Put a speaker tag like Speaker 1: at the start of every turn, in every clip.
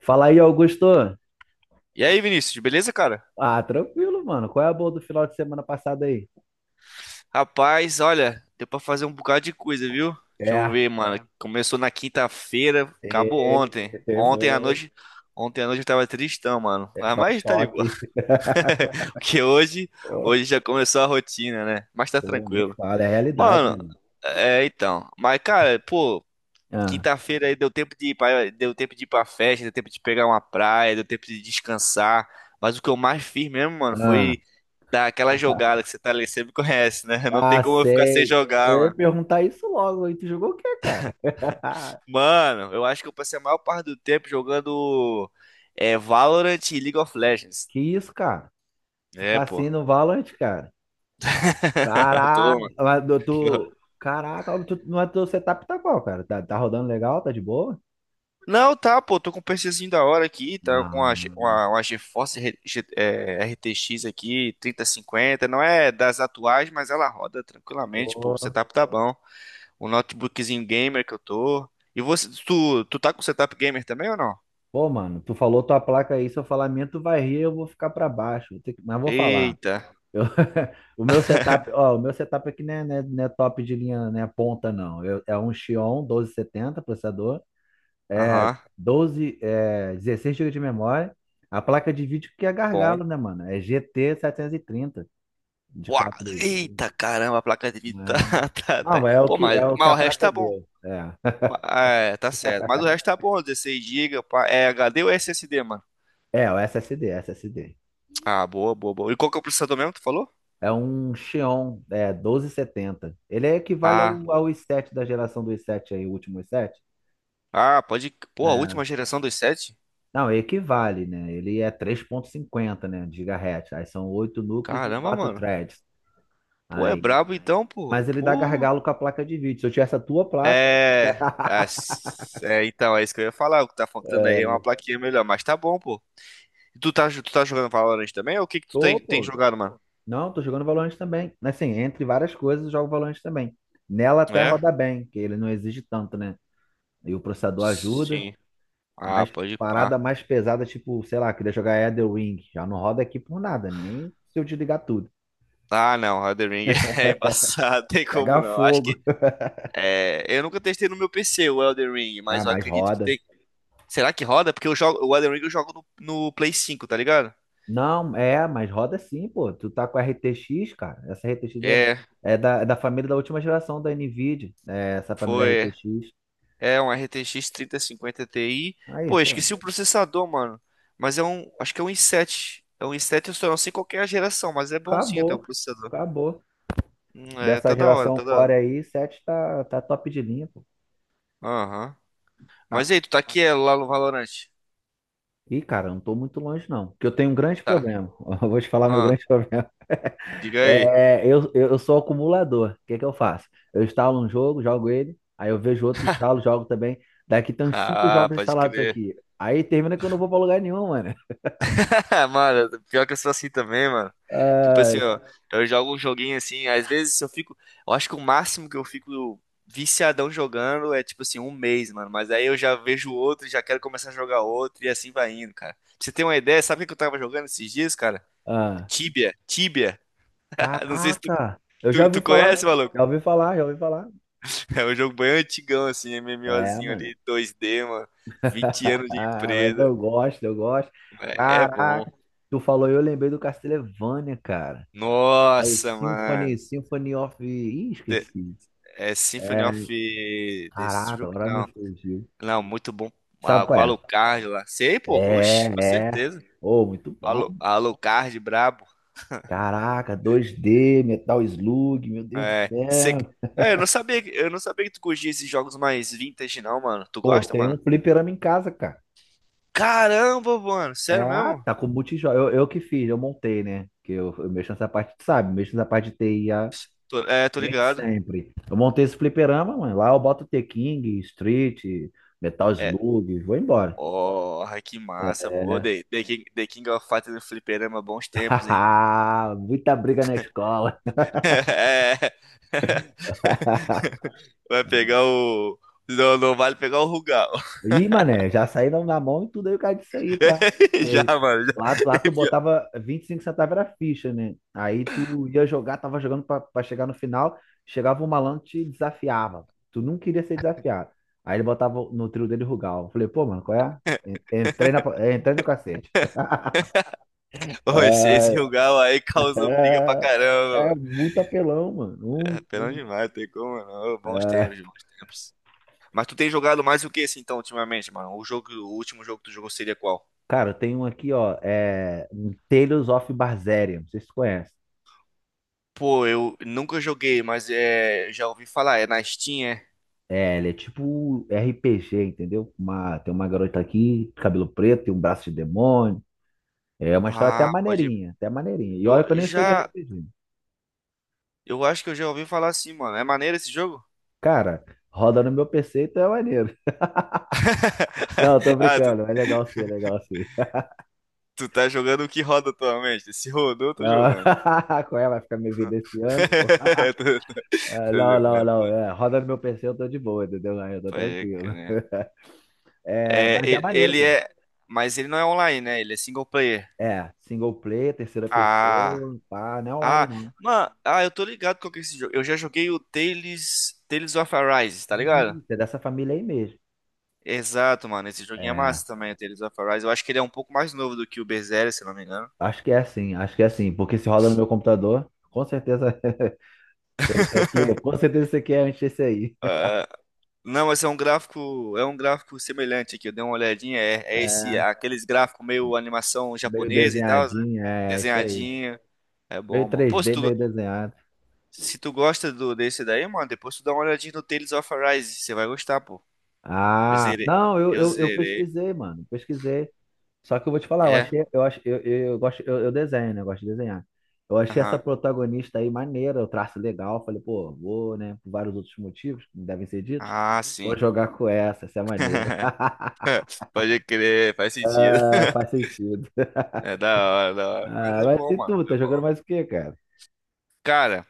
Speaker 1: Fala aí, Augusto.
Speaker 2: E aí, Vinícius, beleza, cara?
Speaker 1: Tranquilo, mano. Qual é a boa do final de semana passado aí?
Speaker 2: Rapaz, olha, deu pra fazer um bocado de coisa, viu? Deixa eu
Speaker 1: É,
Speaker 2: ver, mano. É. Começou na quinta-feira, acabou
Speaker 1: teve,
Speaker 2: ontem.
Speaker 1: teve,
Speaker 2: Ontem à noite eu tava tristão, mano.
Speaker 1: é
Speaker 2: Mas
Speaker 1: só um
Speaker 2: mas tá de boa,
Speaker 1: choque.
Speaker 2: porque
Speaker 1: Pô,
Speaker 2: hoje já começou a rotina, né? Mas tá
Speaker 1: pô, nem
Speaker 2: tranquilo.
Speaker 1: fala, é a realidade,
Speaker 2: Mano.
Speaker 1: mano.
Speaker 2: Uhum. É então. Mas, cara, pô.
Speaker 1: Ah,
Speaker 2: Quinta-feira aí deu tempo de ir pra, deu tempo de ir pra festa, deu tempo de pegar uma praia, deu tempo de descansar. Mas o que eu mais fiz mesmo, mano,
Speaker 1: ah,
Speaker 2: foi dar aquela jogada que você tá ali, você me conhece, né? Não tem
Speaker 1: ah,
Speaker 2: como eu ficar sem
Speaker 1: sei. Eu
Speaker 2: jogar,
Speaker 1: ia
Speaker 2: mano.
Speaker 1: perguntar isso logo. E tu jogou o quê, cara?
Speaker 2: Mano, eu acho que eu passei a maior parte do tempo jogando Valorant e League of Legends.
Speaker 1: Que isso, cara? Tu
Speaker 2: É,
Speaker 1: tá
Speaker 2: pô.
Speaker 1: assim no Valorant, cara? Caraca,
Speaker 2: Toma.
Speaker 1: Caraca, tu, mas teu setup tá qual, cara? Tá, tá rodando legal? Tá de boa?
Speaker 2: Não, tá, pô, tô com um PCzinho da hora aqui, tá com
Speaker 1: Ah,
Speaker 2: Uma GeForce RTX aqui, 3050, não é das atuais, mas ela roda tranquilamente, pô, o setup tá bom. O notebookzinho gamer que eu tô. E você, tu tá com setup gamer também ou não?
Speaker 1: Pô, mano, tu falou tua placa aí, se eu falar minha, tu vai rir, eu vou ficar pra baixo, mas vou falar.
Speaker 2: Eita,
Speaker 1: Eu- o meu setup, ó, o meu setup aqui não é top de linha, não é ponta, não. É um Xeon 1270 processador, é
Speaker 2: aham,
Speaker 1: é 16 GB de memória. A placa de vídeo que é
Speaker 2: bom.
Speaker 1: gargalo, né, mano? É GT trinta de
Speaker 2: Uau,
Speaker 1: quatro g
Speaker 2: eita, caramba, a placa de vídeo tá,
Speaker 1: né?
Speaker 2: tá.
Speaker 1: Não,
Speaker 2: Pô, mas,
Speaker 1: é o que
Speaker 2: mas
Speaker 1: a
Speaker 2: o resto
Speaker 1: prata
Speaker 2: tá bom.
Speaker 1: deu. É,
Speaker 2: É, tá certo, mas o resto tá bom, 16 GB, é HD ou SSD, mano?
Speaker 1: é o SSD.
Speaker 2: Ah, boa, boa, boa. E qual que é o processador mesmo que tu falou?
Speaker 1: É um Xeon, é 1270. Ele é equivale
Speaker 2: Ah,
Speaker 1: ao, ao i7 da geração do i7 aí, o último i7.
Speaker 2: ah, pode. Pô, a última
Speaker 1: É,
Speaker 2: geração dos sete?
Speaker 1: não, equivale, né? Ele é 3.50, né, de gigahertz. Aí são oito núcleos e
Speaker 2: Caramba,
Speaker 1: quatro
Speaker 2: mano.
Speaker 1: threads.
Speaker 2: Pô, é
Speaker 1: Aí,
Speaker 2: brabo então, pô.
Speaker 1: mas ele dá
Speaker 2: Pô.
Speaker 1: gargalo com a placa de vídeo. Se eu tivesse a tua placa,
Speaker 2: É. Então, é isso que eu ia falar. O que tá faltando aí é uma plaquinha melhor, mas tá bom, pô. E tu tá jogando Valorant também? Ou o que que tu
Speaker 1: tô,
Speaker 2: tem
Speaker 1: pô.
Speaker 2: jogado, mano?
Speaker 1: Não, tô jogando Valorant também. Assim, entre várias coisas, eu jogo Valorant também. Nela até
Speaker 2: É?
Speaker 1: roda bem, que ele não exige tanto, né? E o processador ajuda.
Speaker 2: Sim. Ah,
Speaker 1: Mas
Speaker 2: pode
Speaker 1: parada
Speaker 2: pá.
Speaker 1: mais pesada, tipo, sei lá, queria jogar Elden Ring. Já não roda aqui por nada, nem se eu desligar tudo.
Speaker 2: Ah, não, Elden Ring é embaçado, tem como
Speaker 1: Pega
Speaker 2: não. Acho
Speaker 1: fogo.
Speaker 2: que. É, eu nunca testei no meu PC o Elden Ring,
Speaker 1: Ah,
Speaker 2: mas eu
Speaker 1: mas
Speaker 2: acredito que
Speaker 1: roda.
Speaker 2: tem. Será que roda? Porque eu jogo, o Elden Ring eu jogo no Play 5, tá ligado?
Speaker 1: Não, é, mas roda sim, pô. Tu tá com a RTX, cara.
Speaker 2: É.
Speaker 1: É da, da família da última geração da NVIDIA. É, essa família
Speaker 2: Foi.
Speaker 1: RTX.
Speaker 2: É um RTX 3050 Ti.
Speaker 1: Aí,
Speaker 2: Pô, eu
Speaker 1: pô,
Speaker 2: esqueci o processador, mano. Mas é um. Acho que é um i7. É um i7, eu só não sei qual que é a geração, mas é bonzinho até o
Speaker 1: acabou.
Speaker 2: processador.
Speaker 1: Acabou.
Speaker 2: É,
Speaker 1: Dessa
Speaker 2: tá da hora,
Speaker 1: geração
Speaker 2: tá da
Speaker 1: Core
Speaker 2: hora.
Speaker 1: aí, 7 tá top de linha, pô.
Speaker 2: Aham.
Speaker 1: Ah,
Speaker 2: Mas e aí, tu tá aqui lá no Valorant?
Speaker 1: e, cara, eu não tô muito longe, não. Porque eu tenho um grande
Speaker 2: Tá.
Speaker 1: problema. Eu vou te falar meu
Speaker 2: Ah,
Speaker 1: grande problema.
Speaker 2: diga aí.
Speaker 1: Eu sou acumulador. O que que eu faço? Eu instalo um jogo, jogo ele, aí eu vejo outro, instalo, jogo também. Daqui tem uns cinco
Speaker 2: Ah,
Speaker 1: jogos
Speaker 2: pode
Speaker 1: instalados
Speaker 2: crer.
Speaker 1: aqui. Aí termina que eu não vou pra lugar nenhum, mano.
Speaker 2: Ah, mano, pior que eu sou assim também, mano. Tipo assim,
Speaker 1: Ai,
Speaker 2: ó, eu jogo um joguinho assim, às vezes eu fico. Eu acho que o máximo que eu fico viciadão jogando é tipo assim, um mês, mano. Mas aí eu já vejo outro, já quero começar a jogar outro, e assim vai indo, cara. Pra você ter uma ideia, sabe o que eu tava jogando esses dias, cara?
Speaker 1: ah,
Speaker 2: Tibia, Tibia. Não sei se tu,
Speaker 1: caraca! Eu já
Speaker 2: tu,
Speaker 1: ouvi
Speaker 2: tu
Speaker 1: falar,
Speaker 2: conhece, maluco.
Speaker 1: já ouvi falar, já ouvi falar.
Speaker 2: É um jogo bem antigão, assim,
Speaker 1: É,
Speaker 2: MMOzinho ali,
Speaker 1: mano.
Speaker 2: 2D mano. 20 anos de
Speaker 1: Ah, mas
Speaker 2: empresa.
Speaker 1: eu gosto, eu gosto.
Speaker 2: É bom.
Speaker 1: Caraca! Tu falou, eu lembrei do Castlevania, cara. É o
Speaker 2: Nossa, mano.
Speaker 1: Symphony of... Ih, esqueci.
Speaker 2: É Symphony
Speaker 1: É,
Speaker 2: of
Speaker 1: Caraca,
Speaker 2: Destruct,
Speaker 1: agora me
Speaker 2: não.
Speaker 1: fugiu.
Speaker 2: Não, muito bom.
Speaker 1: Sabe
Speaker 2: Ah, com
Speaker 1: qual é?
Speaker 2: Alucard lá. Sei, pô. Oxe, com
Speaker 1: É, é.
Speaker 2: certeza.
Speaker 1: Oh, muito bom.
Speaker 2: Alucard, brabo.
Speaker 1: Caraca, 2D, Metal Slug, meu Deus do
Speaker 2: É, cê-
Speaker 1: céu.
Speaker 2: eu não sabia, que tu curtia esses jogos mais vintage, não, mano. Tu
Speaker 1: Pô,
Speaker 2: gosta,
Speaker 1: tem
Speaker 2: mano?
Speaker 1: um fliperama em casa, cara.
Speaker 2: Caramba, mano.
Speaker 1: É,
Speaker 2: Sério
Speaker 1: ah,
Speaker 2: mesmo?
Speaker 1: tá com multijogo. Eu que fiz, eu montei, né? Eu mexo nessa parte, tu sabe, mexo nessa parte
Speaker 2: Tô
Speaker 1: desde
Speaker 2: ligado.
Speaker 1: sempre. Eu montei esse fliperama, mano. Lá eu boto The King, Street, Metal
Speaker 2: É,
Speaker 1: Slug, vou embora.
Speaker 2: oh, que massa, pô.
Speaker 1: É.
Speaker 2: The King of Fighters no fliperama, bons tempos, hein?
Speaker 1: Muita briga na escola.
Speaker 2: É. Vai pegar o... Não, não vale pegar o Rugal.
Speaker 1: Ih, mané, já saíram na mão e tudo aí o cara disso aí, tá?
Speaker 2: Já,
Speaker 1: E
Speaker 2: mano. Já.
Speaker 1: Lá
Speaker 2: É
Speaker 1: tu
Speaker 2: pior.
Speaker 1: botava 25 centavos era ficha, né? Aí tu ia jogar, tava jogando pra chegar no final, chegava um malandro e te desafiava. Tu não queria ser desafiado. Aí ele botava no trio dele Rugal. Eu falei, pô, mano, qual é? Entrei no cacete.
Speaker 2: Ô, esse Rugal aí causou briga pra
Speaker 1: É,
Speaker 2: caramba,
Speaker 1: é
Speaker 2: mano.
Speaker 1: muito apelão, mano.
Speaker 2: É,
Speaker 1: Muito,
Speaker 2: pena
Speaker 1: muito.
Speaker 2: demais, tem como não. Ô, bons tempos,
Speaker 1: É.
Speaker 2: bons tempos. Mas tu tem jogado mais o que esse então, ultimamente, mano? O jogo, o último jogo que tu jogou seria qual?
Speaker 1: Cara, tem um aqui, ó. É, um Tales of Berseria. Não sei se tu conhece.
Speaker 2: Pô, eu nunca joguei, mas já ouvi falar. É na Steam, é?
Speaker 1: É, ele é tipo RPG, entendeu? Tem uma garota aqui, cabelo preto, tem um braço de demônio. É uma história até
Speaker 2: Ah, pode ir.
Speaker 1: maneirinha, até maneirinha. E olha que eu
Speaker 2: Eu
Speaker 1: nem sou de
Speaker 2: já.
Speaker 1: RPG.
Speaker 2: Eu acho que eu já ouvi falar assim, mano. É maneiro esse jogo?
Speaker 1: Cara, roda no meu PC, então é maneiro. Não, tô
Speaker 2: Ah, tu,
Speaker 1: brincando. É legal sim, é legal sim.
Speaker 2: tu tá jogando o que roda atualmente? Se rodou, eu tô
Speaker 1: Não,
Speaker 2: jogando.
Speaker 1: qual é? Vai ficar minha vida esse ano, pô.
Speaker 2: Tô- tô-
Speaker 1: Ah,
Speaker 2: tô jogando.
Speaker 1: Não. É, roda no meu PC, eu tô de boa, entendeu? Aí eu tô
Speaker 2: Pode crer.
Speaker 1: tranquilo.
Speaker 2: Né?
Speaker 1: É,
Speaker 2: É,
Speaker 1: mas é maneiro,
Speaker 2: ele
Speaker 1: pô.
Speaker 2: é. Mas ele não é online, né? Ele é single player.
Speaker 1: É, single player, terceira
Speaker 2: Ah.
Speaker 1: pessoa, pá, não é online
Speaker 2: Ah,
Speaker 1: não.
Speaker 2: mano, ah, eu tô ligado com esse jogo. Eu já joguei o Tales of Arise, tá ligado?
Speaker 1: Ih, é dessa família aí mesmo.
Speaker 2: Exato, mano. Esse joguinho é
Speaker 1: É,
Speaker 2: massa também, o Tales of Arise. Eu acho que ele é um pouco mais novo do que o Berseria, se não me engano.
Speaker 1: Acho que é assim, porque se roda no meu computador, com certeza esse aqui, com certeza esse aqui é antes desse aí.
Speaker 2: Ah, não, mas é um gráfico semelhante aqui. Eu dei uma olhadinha, é
Speaker 1: É,
Speaker 2: esse, aqueles gráficos meio animação japonesa e tal, né?
Speaker 1: É é isso aí.
Speaker 2: Desenhadinho. É
Speaker 1: Meio
Speaker 2: bom, mano. Pô, se
Speaker 1: 3D,
Speaker 2: tu,
Speaker 1: meio desenhado.
Speaker 2: Se tu gosta desse daí, mano, depois tu dá uma olhadinha no Tales of Arise. Você vai gostar, pô. Eu
Speaker 1: Ah,
Speaker 2: zerei.
Speaker 1: não,
Speaker 2: Eu
Speaker 1: eu
Speaker 2: zerei.
Speaker 1: pesquisei, mano, pesquisei. Só que eu vou te falar,
Speaker 2: É?
Speaker 1: eu gosto, eu desenho, né? Eu gosto de desenhar. Eu achei essa
Speaker 2: Aham.
Speaker 1: protagonista aí maneira, o traço legal. Eu falei, pô, vou, né? Por vários outros motivos que devem ser ditos,
Speaker 2: Ah,
Speaker 1: vou
Speaker 2: sim.
Speaker 1: jogar com essa é maneira.
Speaker 2: Pode crer, faz sentido.
Speaker 1: Ah, faz sentido.
Speaker 2: É da hora, da hora. Mas
Speaker 1: Ah,
Speaker 2: é
Speaker 1: mas e
Speaker 2: bom, mano.
Speaker 1: tu? Tá
Speaker 2: É
Speaker 1: jogando
Speaker 2: bom.
Speaker 1: mais o quê, cara?
Speaker 2: Cara,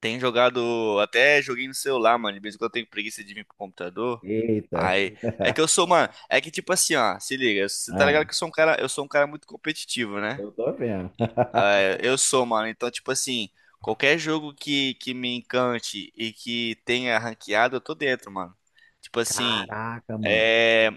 Speaker 2: tem jogado. Até joguei no celular, mano. De vez em quando eu tenho preguiça de vir pro computador.
Speaker 1: Eita.
Speaker 2: Aí. É que eu sou, mano. É que tipo assim, ó. Se liga. Você tá
Speaker 1: Ah,
Speaker 2: ligado que eu sou um cara. Eu sou um cara muito competitivo, né?
Speaker 1: eu tô vendo.
Speaker 2: É, eu sou, mano. Então, tipo assim, qualquer jogo que me encante e que tenha ranqueado, eu tô dentro, mano. Tipo assim,
Speaker 1: Caraca, mano.
Speaker 2: é...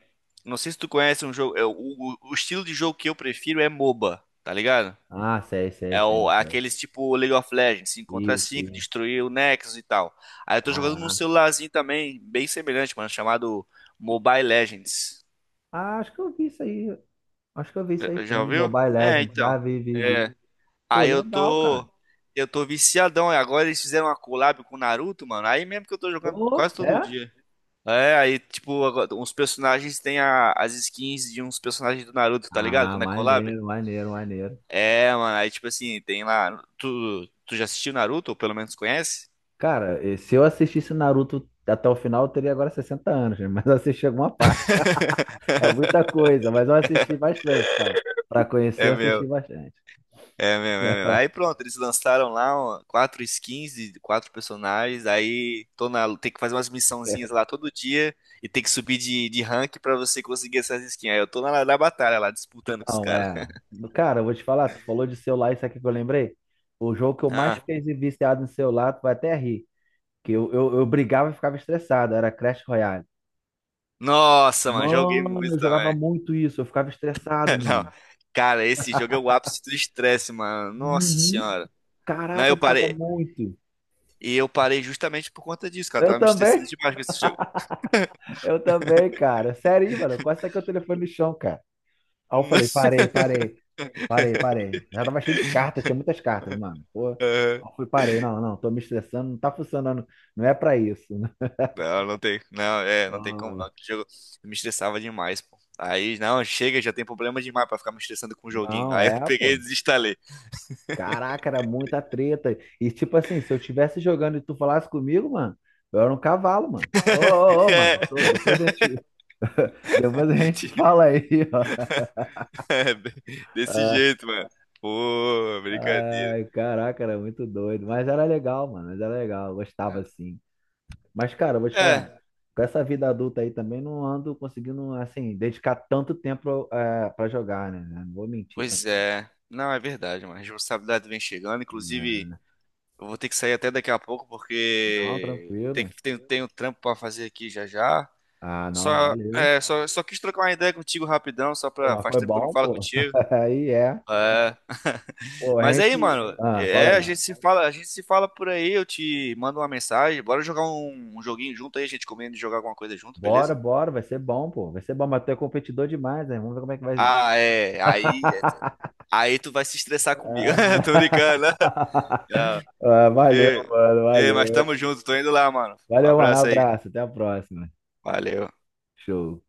Speaker 2: não sei se tu conhece um jogo. O estilo de jogo que eu prefiro é MOBA, tá ligado? É o,
Speaker 1: Sei.
Speaker 2: aqueles tipo League of Legends, 5 contra
Speaker 1: Isso,
Speaker 2: 5,
Speaker 1: isso.
Speaker 2: destruir o Nexus e tal. Aí eu tô jogando num
Speaker 1: Caraca.
Speaker 2: celularzinho também, bem semelhante, mano, chamado Mobile Legends.
Speaker 1: Ah, acho que eu vi isso aí. Acho que eu vi isso aí
Speaker 2: Já
Speaker 1: sim.
Speaker 2: ouviu?
Speaker 1: Mobile
Speaker 2: É,
Speaker 1: Legends.
Speaker 2: então.
Speaker 1: Vi.
Speaker 2: É.
Speaker 1: Pô,
Speaker 2: Aí eu
Speaker 1: legal, cara.
Speaker 2: tô. Eu tô viciadão. E agora eles fizeram uma collab com o Naruto, mano. Aí mesmo que eu tô jogando
Speaker 1: Ô,
Speaker 2: quase todo
Speaker 1: é?
Speaker 2: dia. É, aí, tipo, agora, uns personagens têm as skins de uns personagens do Naruto, tá ligado? Quando é collab.
Speaker 1: Maneiro.
Speaker 2: É, mano, aí, tipo assim, tem lá. Tu já assistiu Naruto, ou pelo menos conhece?
Speaker 1: Cara, se eu assistisse Naruto até o final, eu teria agora 60 anos, né? mas eu assisti alguma parte. É muita coisa, mas eu assisti bastante. Pra conhecer,
Speaker 2: É
Speaker 1: eu assisti
Speaker 2: meu.
Speaker 1: bastante.
Speaker 2: É mesmo, é mesmo. Aí pronto, eles lançaram lá ó, quatro skins de quatro personagens. Aí tem que fazer umas missãozinhas lá todo dia e tem que subir de rank pra você conseguir essas skins. Aí eu tô na batalha lá, disputando com os
Speaker 1: Não,
Speaker 2: caras.
Speaker 1: é. Cara, eu vou te falar, tu falou de celular, isso aqui que eu lembrei. O jogo que eu mais
Speaker 2: Ah,
Speaker 1: fiquei viciado em celular, tu vai até rir. Eu brigava e ficava estressado, era Crash Royale.
Speaker 2: nossa, mano, joguei
Speaker 1: Mano, eu
Speaker 2: muito
Speaker 1: jogava
Speaker 2: também.
Speaker 1: muito isso, eu ficava estressado,
Speaker 2: Não,
Speaker 1: mano.
Speaker 2: cara, esse jogo é o ápice do estresse, mano. Nossa
Speaker 1: Uhum.
Speaker 2: senhora. Não,
Speaker 1: Caraca,
Speaker 2: eu
Speaker 1: eu ficava
Speaker 2: parei.
Speaker 1: muito.
Speaker 2: E eu parei justamente por conta disso, cara.
Speaker 1: Eu
Speaker 2: Tava me estressando
Speaker 1: também,
Speaker 2: demais com esse jogo.
Speaker 1: eu também, cara. Sério, aí, mano, eu quase saquei o telefone no chão, cara. Aí eu falei, parei, parei. Já tava cheio de cartas, tinha muitas cartas, mano. Pô, aí
Speaker 2: Aham.
Speaker 1: eu fui, parei, não, não, tô me estressando, não tá funcionando, não é pra isso.
Speaker 2: Não, não tem, não, não tem como não.
Speaker 1: Ah,
Speaker 2: Aquele jogo me estressava demais, pô. Aí, não, chega, já tem problema demais pra ficar me estressando com o joguinho.
Speaker 1: Não,
Speaker 2: Aí eu
Speaker 1: é,
Speaker 2: peguei e
Speaker 1: pô.
Speaker 2: desinstalei.
Speaker 1: Caraca, era muita treta. E tipo assim, se eu estivesse jogando e tu falasse comigo, mano, eu era um cavalo, mano. Ô, mano, depois a gente, depois a
Speaker 2: É,
Speaker 1: gente fala aí, ó.
Speaker 2: é, desse
Speaker 1: Ah,
Speaker 2: jeito, mano. Pô, brincadeira.
Speaker 1: Ai, caraca, era muito doido. Mas era legal, mano, mas era legal, eu gostava
Speaker 2: É.
Speaker 1: assim. Mas, cara, eu vou te falar,
Speaker 2: É,
Speaker 1: com essa vida adulta aí também não ando conseguindo, assim, dedicar tanto tempo pra jogar, né? Não vou mentir, tá?
Speaker 2: pois é. Não, é verdade, mano. A responsabilidade vem chegando.
Speaker 1: Né?
Speaker 2: Inclusive, eu vou ter que sair até daqui a pouco
Speaker 1: Não,
Speaker 2: porque
Speaker 1: tranquilo.
Speaker 2: tem um trampo pra fazer aqui já já.
Speaker 1: Ah, não, valeu.
Speaker 2: Só quis trocar uma ideia contigo rapidão, só
Speaker 1: Pô,
Speaker 2: pra.
Speaker 1: mas
Speaker 2: Faz
Speaker 1: foi
Speaker 2: tempo que eu não
Speaker 1: bom,
Speaker 2: falo
Speaker 1: pô.
Speaker 2: contigo.
Speaker 1: Aí é.
Speaker 2: É.
Speaker 1: Pô, a
Speaker 2: Mas aí,
Speaker 1: gente.
Speaker 2: mano,
Speaker 1: Ah, fala
Speaker 2: a
Speaker 1: aí.
Speaker 2: gente se fala, a gente se fala por aí, eu te mando uma mensagem, bora jogar um joguinho junto aí, a gente comendo e jogar alguma coisa junto, beleza?
Speaker 1: Bora, vai ser bom, pô. Vai ser bom, mas tu é competidor demais, né? Vamos ver como é que vai.
Speaker 2: Ah, é, aí, é. Aí tu vai se estressar comigo. Tô
Speaker 1: Ah,
Speaker 2: brincando. Né? Não.
Speaker 1: valeu,
Speaker 2: Ei,
Speaker 1: mano,
Speaker 2: ei, mas
Speaker 1: valeu.
Speaker 2: tamo junto, tô indo lá, mano. Um
Speaker 1: Valeu, mano.
Speaker 2: abraço aí.
Speaker 1: Abraço, até a próxima.
Speaker 2: Valeu.
Speaker 1: Show.